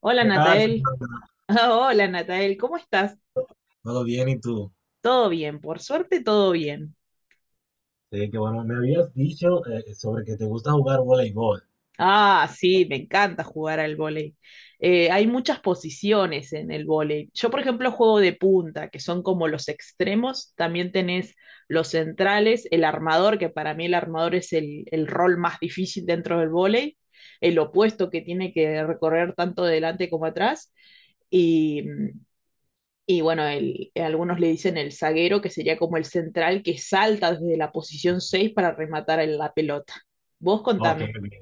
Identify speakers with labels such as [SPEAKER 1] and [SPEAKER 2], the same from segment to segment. [SPEAKER 1] Hola
[SPEAKER 2] ¿Qué tal,
[SPEAKER 1] Natael.
[SPEAKER 2] Fernanda?
[SPEAKER 1] Hola Natael, ¿cómo estás?
[SPEAKER 2] ¿Todo bien y tú?
[SPEAKER 1] Todo bien, por suerte todo bien.
[SPEAKER 2] Sí, que bueno. Me habías dicho, sobre que te gusta jugar voleibol.
[SPEAKER 1] Ah, sí, me encanta jugar al vóley. Hay muchas posiciones en el vóley. Yo, por ejemplo, juego de punta, que son como los extremos. También tenés los centrales, el armador, que para mí el armador es el rol más difícil dentro del vóley, el opuesto que tiene que recorrer tanto delante como atrás. Y bueno, algunos le dicen el zaguero, que sería como el central que salta desde la posición 6 para rematar en la pelota. Vos
[SPEAKER 2] Ok,
[SPEAKER 1] contame.
[SPEAKER 2] ok.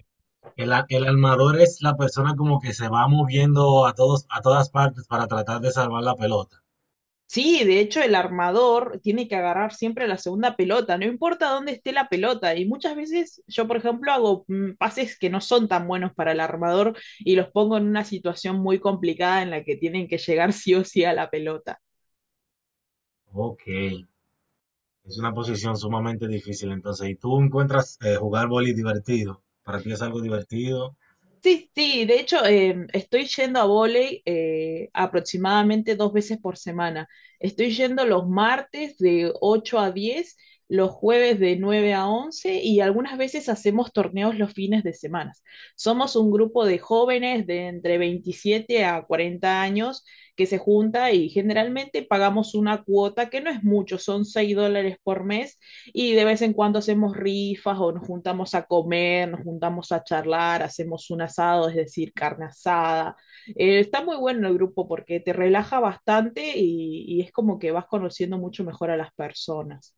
[SPEAKER 2] El armador es la persona como que se va moviendo a todos, a todas partes para tratar de salvar la pelota.
[SPEAKER 1] Sí, de hecho el armador tiene que agarrar siempre la segunda pelota, no importa dónde esté la pelota. Y muchas veces yo, por ejemplo, hago pases que no son tan buenos para el armador y los pongo en una situación muy complicada en la que tienen que llegar sí o sí a la pelota.
[SPEAKER 2] Ok, es una posición sumamente difícil entonces. ¿Y tú encuentras, jugar voleibol divertido? ¿Para ti es algo divertido?
[SPEAKER 1] Sí, sí, de hecho estoy yendo a vóley aproximadamente dos veces por semana. Estoy yendo los martes de 8 a 10, los jueves de 9 a 11, y algunas veces hacemos torneos los fines de semana. Somos un grupo de jóvenes de entre 27 a 40 años que se junta y generalmente pagamos una cuota que no es mucho, son 6 dólares por mes, y de vez en cuando hacemos rifas o nos juntamos a comer, nos juntamos a charlar, hacemos un asado, es decir, carne asada. Está muy bueno el grupo porque te relaja bastante y es como que vas conociendo mucho mejor a las personas.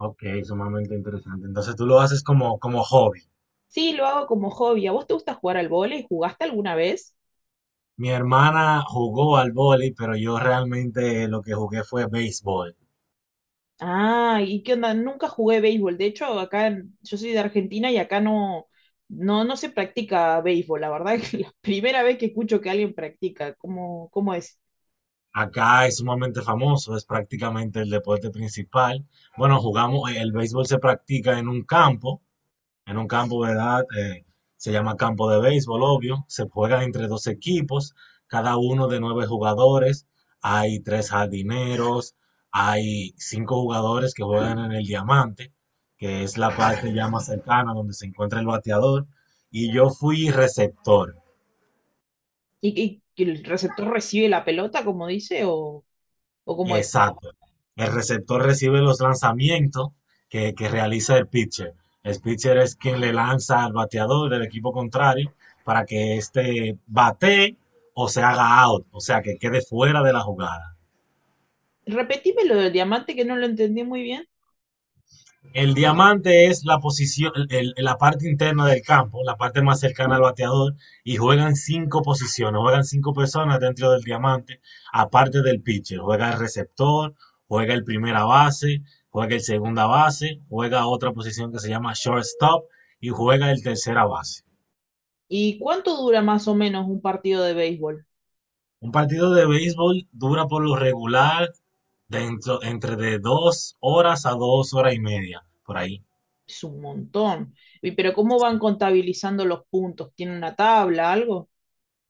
[SPEAKER 2] Ok, sumamente interesante. Entonces tú lo haces como, como hobby.
[SPEAKER 1] Sí, lo hago como hobby. ¿A vos te gusta jugar al vóley? ¿Jugaste alguna vez?
[SPEAKER 2] Mi hermana jugó al voleibol, pero yo realmente lo que jugué fue béisbol.
[SPEAKER 1] Ah, ¿y qué onda? Nunca jugué béisbol. De hecho, acá en- yo soy de Argentina y acá no, no, no se practica béisbol. La verdad es que la primera vez que escucho que alguien practica, ¿cómo es?
[SPEAKER 2] Acá es sumamente famoso, es prácticamente el deporte principal. Bueno, jugamos, el béisbol se practica en un campo, ¿verdad? Se llama campo de béisbol, obvio. Se juega entre dos equipos, cada uno de nueve jugadores. Hay tres jardineros, hay cinco jugadores que juegan en el diamante, que es la parte ya más cercana donde se encuentra el bateador. Y yo fui receptor.
[SPEAKER 1] ¿Y, que el receptor recibe la pelota, como dice, o cómo es?
[SPEAKER 2] Exacto. El receptor recibe los lanzamientos que realiza el pitcher. El pitcher es quien le lanza al bateador del equipo contrario para que éste batee o se haga out, o sea, que quede fuera de la jugada.
[SPEAKER 1] Repetime lo del diamante que no lo entendí muy bien.
[SPEAKER 2] El diamante es la posición, la parte interna del campo, la parte más cercana al bateador, y juegan cinco posiciones, juegan cinco personas dentro del diamante, aparte del pitcher. Juega el receptor, juega el primera base, juega el segunda base, juega otra posición que se llama shortstop y juega el tercera base.
[SPEAKER 1] ¿Y cuánto dura más o menos un partido de béisbol?
[SPEAKER 2] Un partido de béisbol dura por lo regular dentro, entre de dos horas a dos horas y media, por ahí.
[SPEAKER 1] Es un montón. Pero ¿cómo van contabilizando los puntos? ¿Tiene una tabla, algo?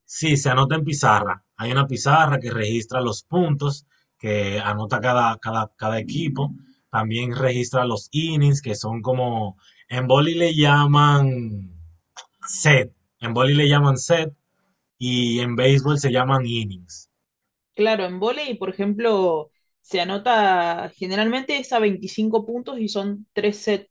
[SPEAKER 2] Sí, se anota en pizarra. Hay una pizarra que registra los puntos que anota cada equipo. También registra los innings, que son como, en boli le llaman set, en boli le llaman set, y en béisbol se llaman innings.
[SPEAKER 1] Claro, en vóley, por ejemplo, se anota generalmente es a 25 puntos y son tres sets.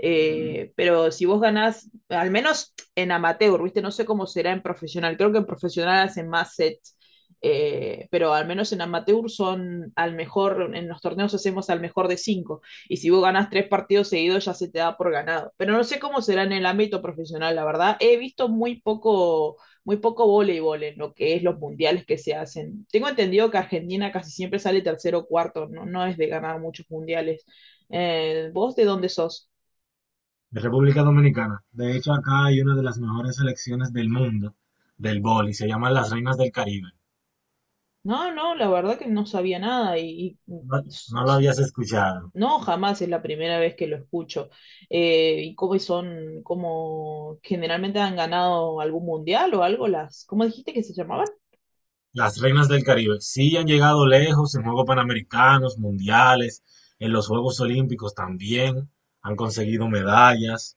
[SPEAKER 1] Pero si vos ganás, al menos en amateur, ¿viste? No sé cómo será en profesional. Creo que en profesional hacen más sets. Pero al menos en amateur son al mejor, en los torneos hacemos al mejor de cinco. Y si vos ganás tres partidos seguidos, ya se te da por ganado. Pero no sé cómo será en el ámbito profesional, la verdad. He visto muy poco voleibol en lo que es los mundiales que se hacen. Tengo entendido que Argentina casi siempre sale tercero o cuarto, no, no es de ganar muchos mundiales. ¿Vos de dónde sos?
[SPEAKER 2] De República Dominicana. De hecho, acá hay una de las mejores selecciones del mundo del boli. Se llaman las Reinas del Caribe.
[SPEAKER 1] No, no, la verdad que no sabía nada
[SPEAKER 2] No,
[SPEAKER 1] s-
[SPEAKER 2] no lo
[SPEAKER 1] s-
[SPEAKER 2] habías escuchado.
[SPEAKER 1] no, jamás es la primera vez que lo escucho. ¿Y cómo son, cómo generalmente han ganado algún mundial o algo las, ¿cómo dijiste que se llamaban?
[SPEAKER 2] Las Reinas del Caribe sí han llegado lejos en Juegos Panamericanos, Mundiales, en los Juegos Olímpicos también, han conseguido medallas.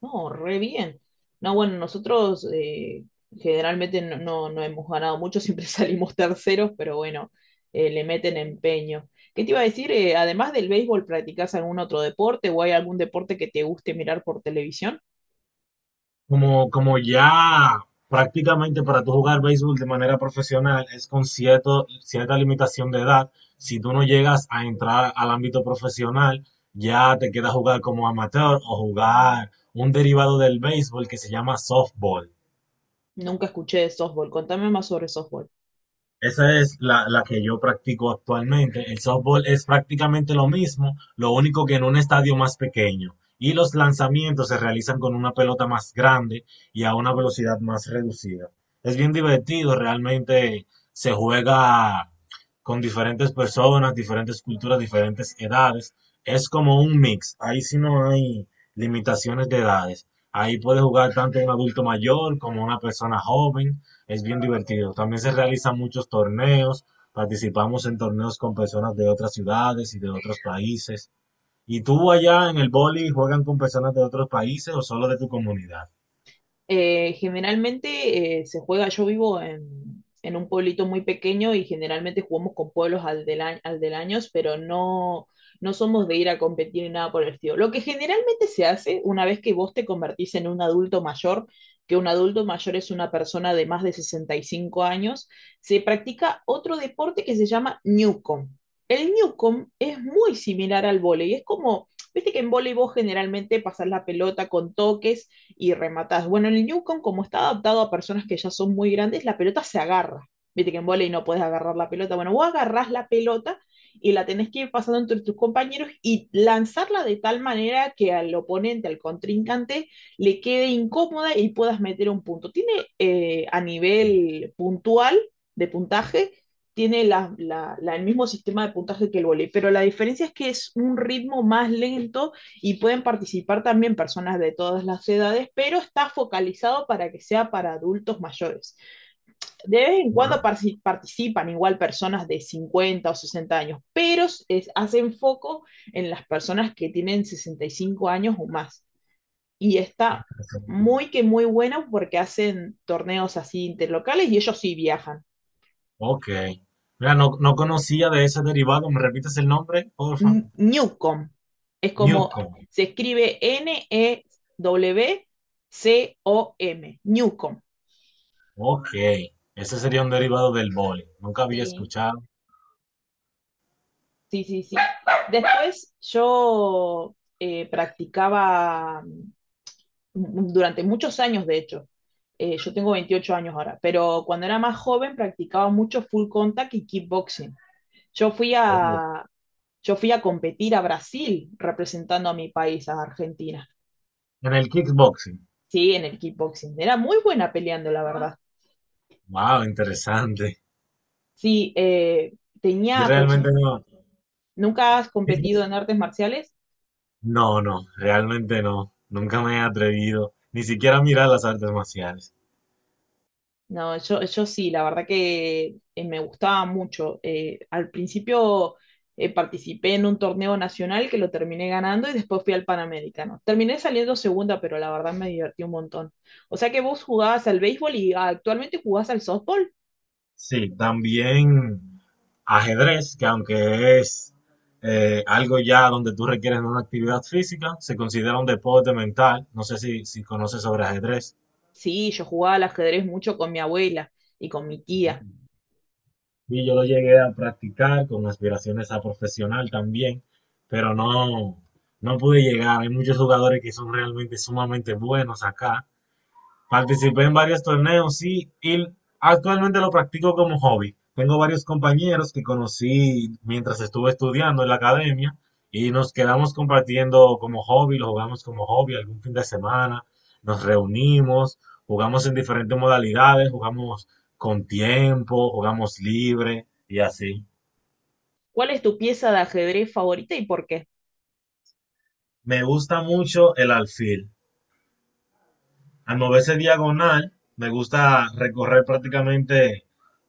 [SPEAKER 1] No, re bien. No, bueno, nosotros generalmente no, no, no hemos ganado mucho, siempre salimos terceros, pero bueno, le meten empeño. ¿Qué te iba a decir? Además del béisbol, ¿practicas algún otro deporte o hay algún deporte que te guste mirar por televisión?
[SPEAKER 2] Como, como ya prácticamente para tú jugar béisbol de manera profesional es con cierto, cierta limitación de edad, si tú no llegas a entrar al ámbito profesional, ya te queda jugar como amateur o jugar un derivado del béisbol que se llama softball.
[SPEAKER 1] Nunca escuché de softball. Contame más sobre softball.
[SPEAKER 2] Esa es la, la que yo practico actualmente. El softball es prácticamente lo mismo, lo único que en un estadio más pequeño. Y los lanzamientos se realizan con una pelota más grande y a una velocidad más reducida. Es bien divertido, realmente se juega con diferentes personas, diferentes culturas, diferentes edades. Es como un mix. Ahí sí no hay limitaciones de edades. Ahí puede jugar tanto un adulto mayor como una persona joven, es bien divertido. También se realizan muchos torneos. Participamos en torneos con personas de otras ciudades y de otros países. ¿Y tú allá en el boli juegan con personas de otros países o solo de tu comunidad?
[SPEAKER 1] Generalmente se juega, yo vivo en un pueblito muy pequeño y generalmente jugamos con pueblos alderaños, pero no, no somos de ir a competir ni nada por el estilo. Lo que generalmente se hace una vez que vos te convertís en un adulto mayor, que un adulto mayor es una persona de más de 65 años, se practica otro deporte que se llama Newcomb. El Newcomb es muy similar al vóley, es como, viste que en vóley vos generalmente pasás la pelota con toques y rematás. Bueno, en el Newcomb, como está adaptado a personas que ya son muy grandes, la pelota se agarra. Viste que en volei no puedes agarrar la pelota. Bueno, vos agarrás la pelota y la tenés que ir pasando entre tus compañeros y lanzarla de tal manera que al oponente, al contrincante, le quede incómoda y puedas meter un punto. Tiene a nivel puntual de puntaje, tiene el mismo sistema de puntaje que el voleibol, pero la diferencia es que es un ritmo más lento y pueden participar también personas de todas las edades, pero está focalizado para que sea para adultos mayores. De vez en
[SPEAKER 2] Bueno,
[SPEAKER 1] cuando participan igual personas de 50 o 60 años, pero es, hacen foco en las personas que tienen 65 años o más. Y está muy que muy bueno porque hacen torneos así interlocales y ellos sí viajan.
[SPEAKER 2] ok. Mira, no, no conocía de ese derivado. ¿Me repites el nombre, porfa?
[SPEAKER 1] Newcom es como
[SPEAKER 2] Newcomb.
[SPEAKER 1] se escribe N E W C O M, Newcom.
[SPEAKER 2] Ok. Ese sería un derivado del boli. Nunca había
[SPEAKER 1] Sí,
[SPEAKER 2] escuchado.
[SPEAKER 1] sí, sí, sí. Después yo practicaba durante muchos años, de hecho. Yo tengo 28 años ahora, pero cuando era más joven practicaba mucho full contact y kickboxing. Yo fui
[SPEAKER 2] Oh,
[SPEAKER 1] a, yo fui a competir a Brasil representando a mi país, a Argentina.
[SPEAKER 2] en el kickboxing.
[SPEAKER 1] Sí, en el kickboxing. Era muy buena peleando, la verdad.
[SPEAKER 2] Wow, interesante.
[SPEAKER 1] Sí,
[SPEAKER 2] Yo
[SPEAKER 1] tenía
[SPEAKER 2] realmente
[SPEAKER 1] aproxim-.
[SPEAKER 2] no.
[SPEAKER 1] ¿Nunca has competido en artes marciales?
[SPEAKER 2] No, no, realmente no. Nunca me he atrevido ni siquiera a mirar las artes marciales.
[SPEAKER 1] No, yo sí, la verdad que me gustaba mucho. Al principio participé en un torneo nacional que lo terminé ganando y después fui al Panamericano. Terminé saliendo segunda, pero la verdad me divertí un montón. O sea que vos jugabas al béisbol y ah, actualmente jugás al softball.
[SPEAKER 2] Sí, también ajedrez, que aunque es, algo ya donde tú requieres una actividad física, se considera un deporte mental. No sé si, si conoces sobre ajedrez.
[SPEAKER 1] Sí, yo jugaba al ajedrez mucho con mi abuela y con mi
[SPEAKER 2] ¿No?
[SPEAKER 1] tía.
[SPEAKER 2] Y yo lo llegué a practicar con aspiraciones a profesional también, pero no, no pude llegar. Hay muchos jugadores que son realmente sumamente buenos acá. Participé en varios torneos, sí, y actualmente lo practico como hobby. Tengo varios compañeros que conocí mientras estuve estudiando en la academia y nos quedamos compartiendo como hobby, lo jugamos como hobby algún fin de semana, nos reunimos, jugamos en diferentes modalidades, jugamos con tiempo, jugamos libre y así.
[SPEAKER 1] ¿Cuál es tu pieza de ajedrez favorita y por qué?
[SPEAKER 2] Me gusta mucho el alfil. Al moverse diagonal, me gusta recorrer prácticamente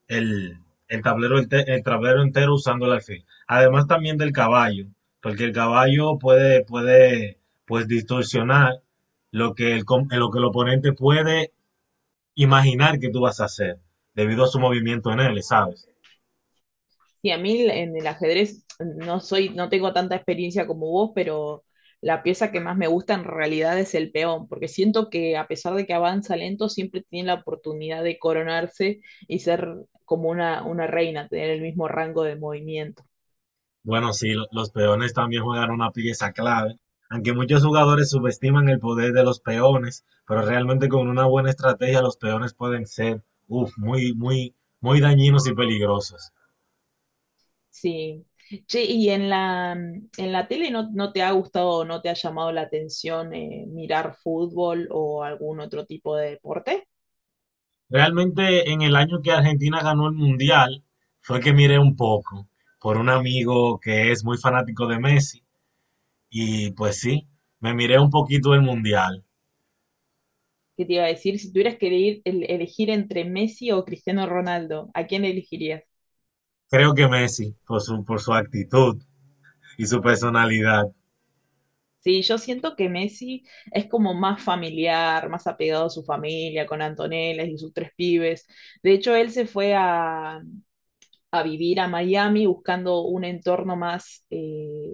[SPEAKER 2] el, el tablero, el tablero entero usando el alfil. Además también del caballo, porque el caballo puede pues distorsionar lo que el, lo que el oponente puede imaginar que tú vas a hacer, debido a su movimiento en él, ¿sabes?
[SPEAKER 1] Sí, a mí en el ajedrez no soy, no tengo tanta experiencia como vos, pero la pieza que más me gusta en realidad es el peón, porque siento que a pesar de que avanza lento, siempre tiene la oportunidad de coronarse y ser como una reina, tener el mismo rango de movimiento.
[SPEAKER 2] Bueno, sí, los peones también juegan una pieza clave. Aunque muchos jugadores subestiman el poder de los peones, pero realmente con una buena estrategia los peones pueden ser, uf, muy, muy, muy dañinos y peligrosos.
[SPEAKER 1] Sí. ¿Che, y en la tele no, no te ha gustado o no te ha llamado la atención mirar fútbol o algún otro tipo de deporte?
[SPEAKER 2] Realmente en el año que Argentina ganó el Mundial fue que miré un poco por un amigo que es muy fanático de Messi, y pues sí, me miré un poquito el Mundial.
[SPEAKER 1] ¿Qué te iba a decir? Si tuvieras que elegir, elegir entre Messi o Cristiano Ronaldo, ¿a quién elegirías?
[SPEAKER 2] Creo que Messi, por su actitud y su personalidad.
[SPEAKER 1] Sí, yo siento que Messi es como más familiar, más apegado a su familia, con Antonella y sus tres pibes. De hecho, él se fue a, vivir a Miami buscando un entorno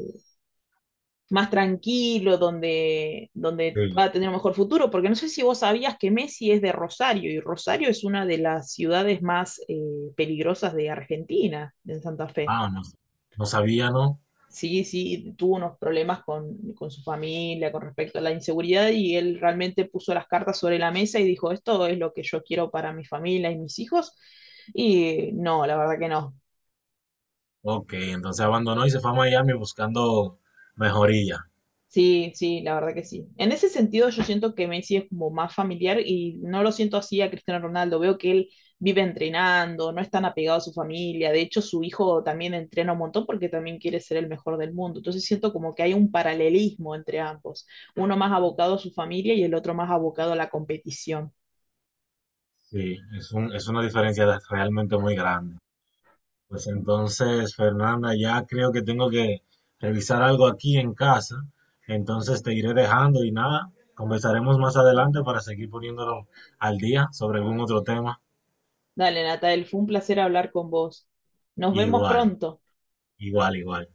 [SPEAKER 1] más tranquilo, donde
[SPEAKER 2] Sí.
[SPEAKER 1] va a tener un mejor futuro, porque no sé si vos sabías que Messi es de Rosario y Rosario es una de las ciudades más peligrosas de Argentina, en Santa Fe.
[SPEAKER 2] Ah, no, no sabía, ¿no?
[SPEAKER 1] Sí, sí, tuvo unos problemas con su familia con respecto a la inseguridad y él realmente puso las cartas sobre la mesa y dijo, esto es lo que yo quiero para mi familia y mis hijos. Y no, la verdad que no.
[SPEAKER 2] Ok, entonces abandonó y se fue a Miami buscando mejoría.
[SPEAKER 1] Sí, sí, la verdad que sí. En ese sentido, yo siento que Messi es como más familiar y no lo siento así a Cristiano Ronaldo. Veo que él vive entrenando, no es tan apegado a su familia. De hecho, su hijo también entrena un montón porque también quiere ser el mejor del mundo. Entonces siento como que hay un paralelismo entre ambos. Uno más abocado a su familia y el otro más abocado a la competición.
[SPEAKER 2] Sí, es un, es una diferencia de- realmente muy grande. Pues entonces, Fernanda, ya creo que tengo que revisar algo aquí en casa. Entonces te iré dejando y nada, conversaremos más adelante para seguir poniéndolo al día sobre algún otro tema.
[SPEAKER 1] Dale, Natael, fue un placer hablar con vos. Nos vemos
[SPEAKER 2] Igual,
[SPEAKER 1] pronto.
[SPEAKER 2] igual, igual.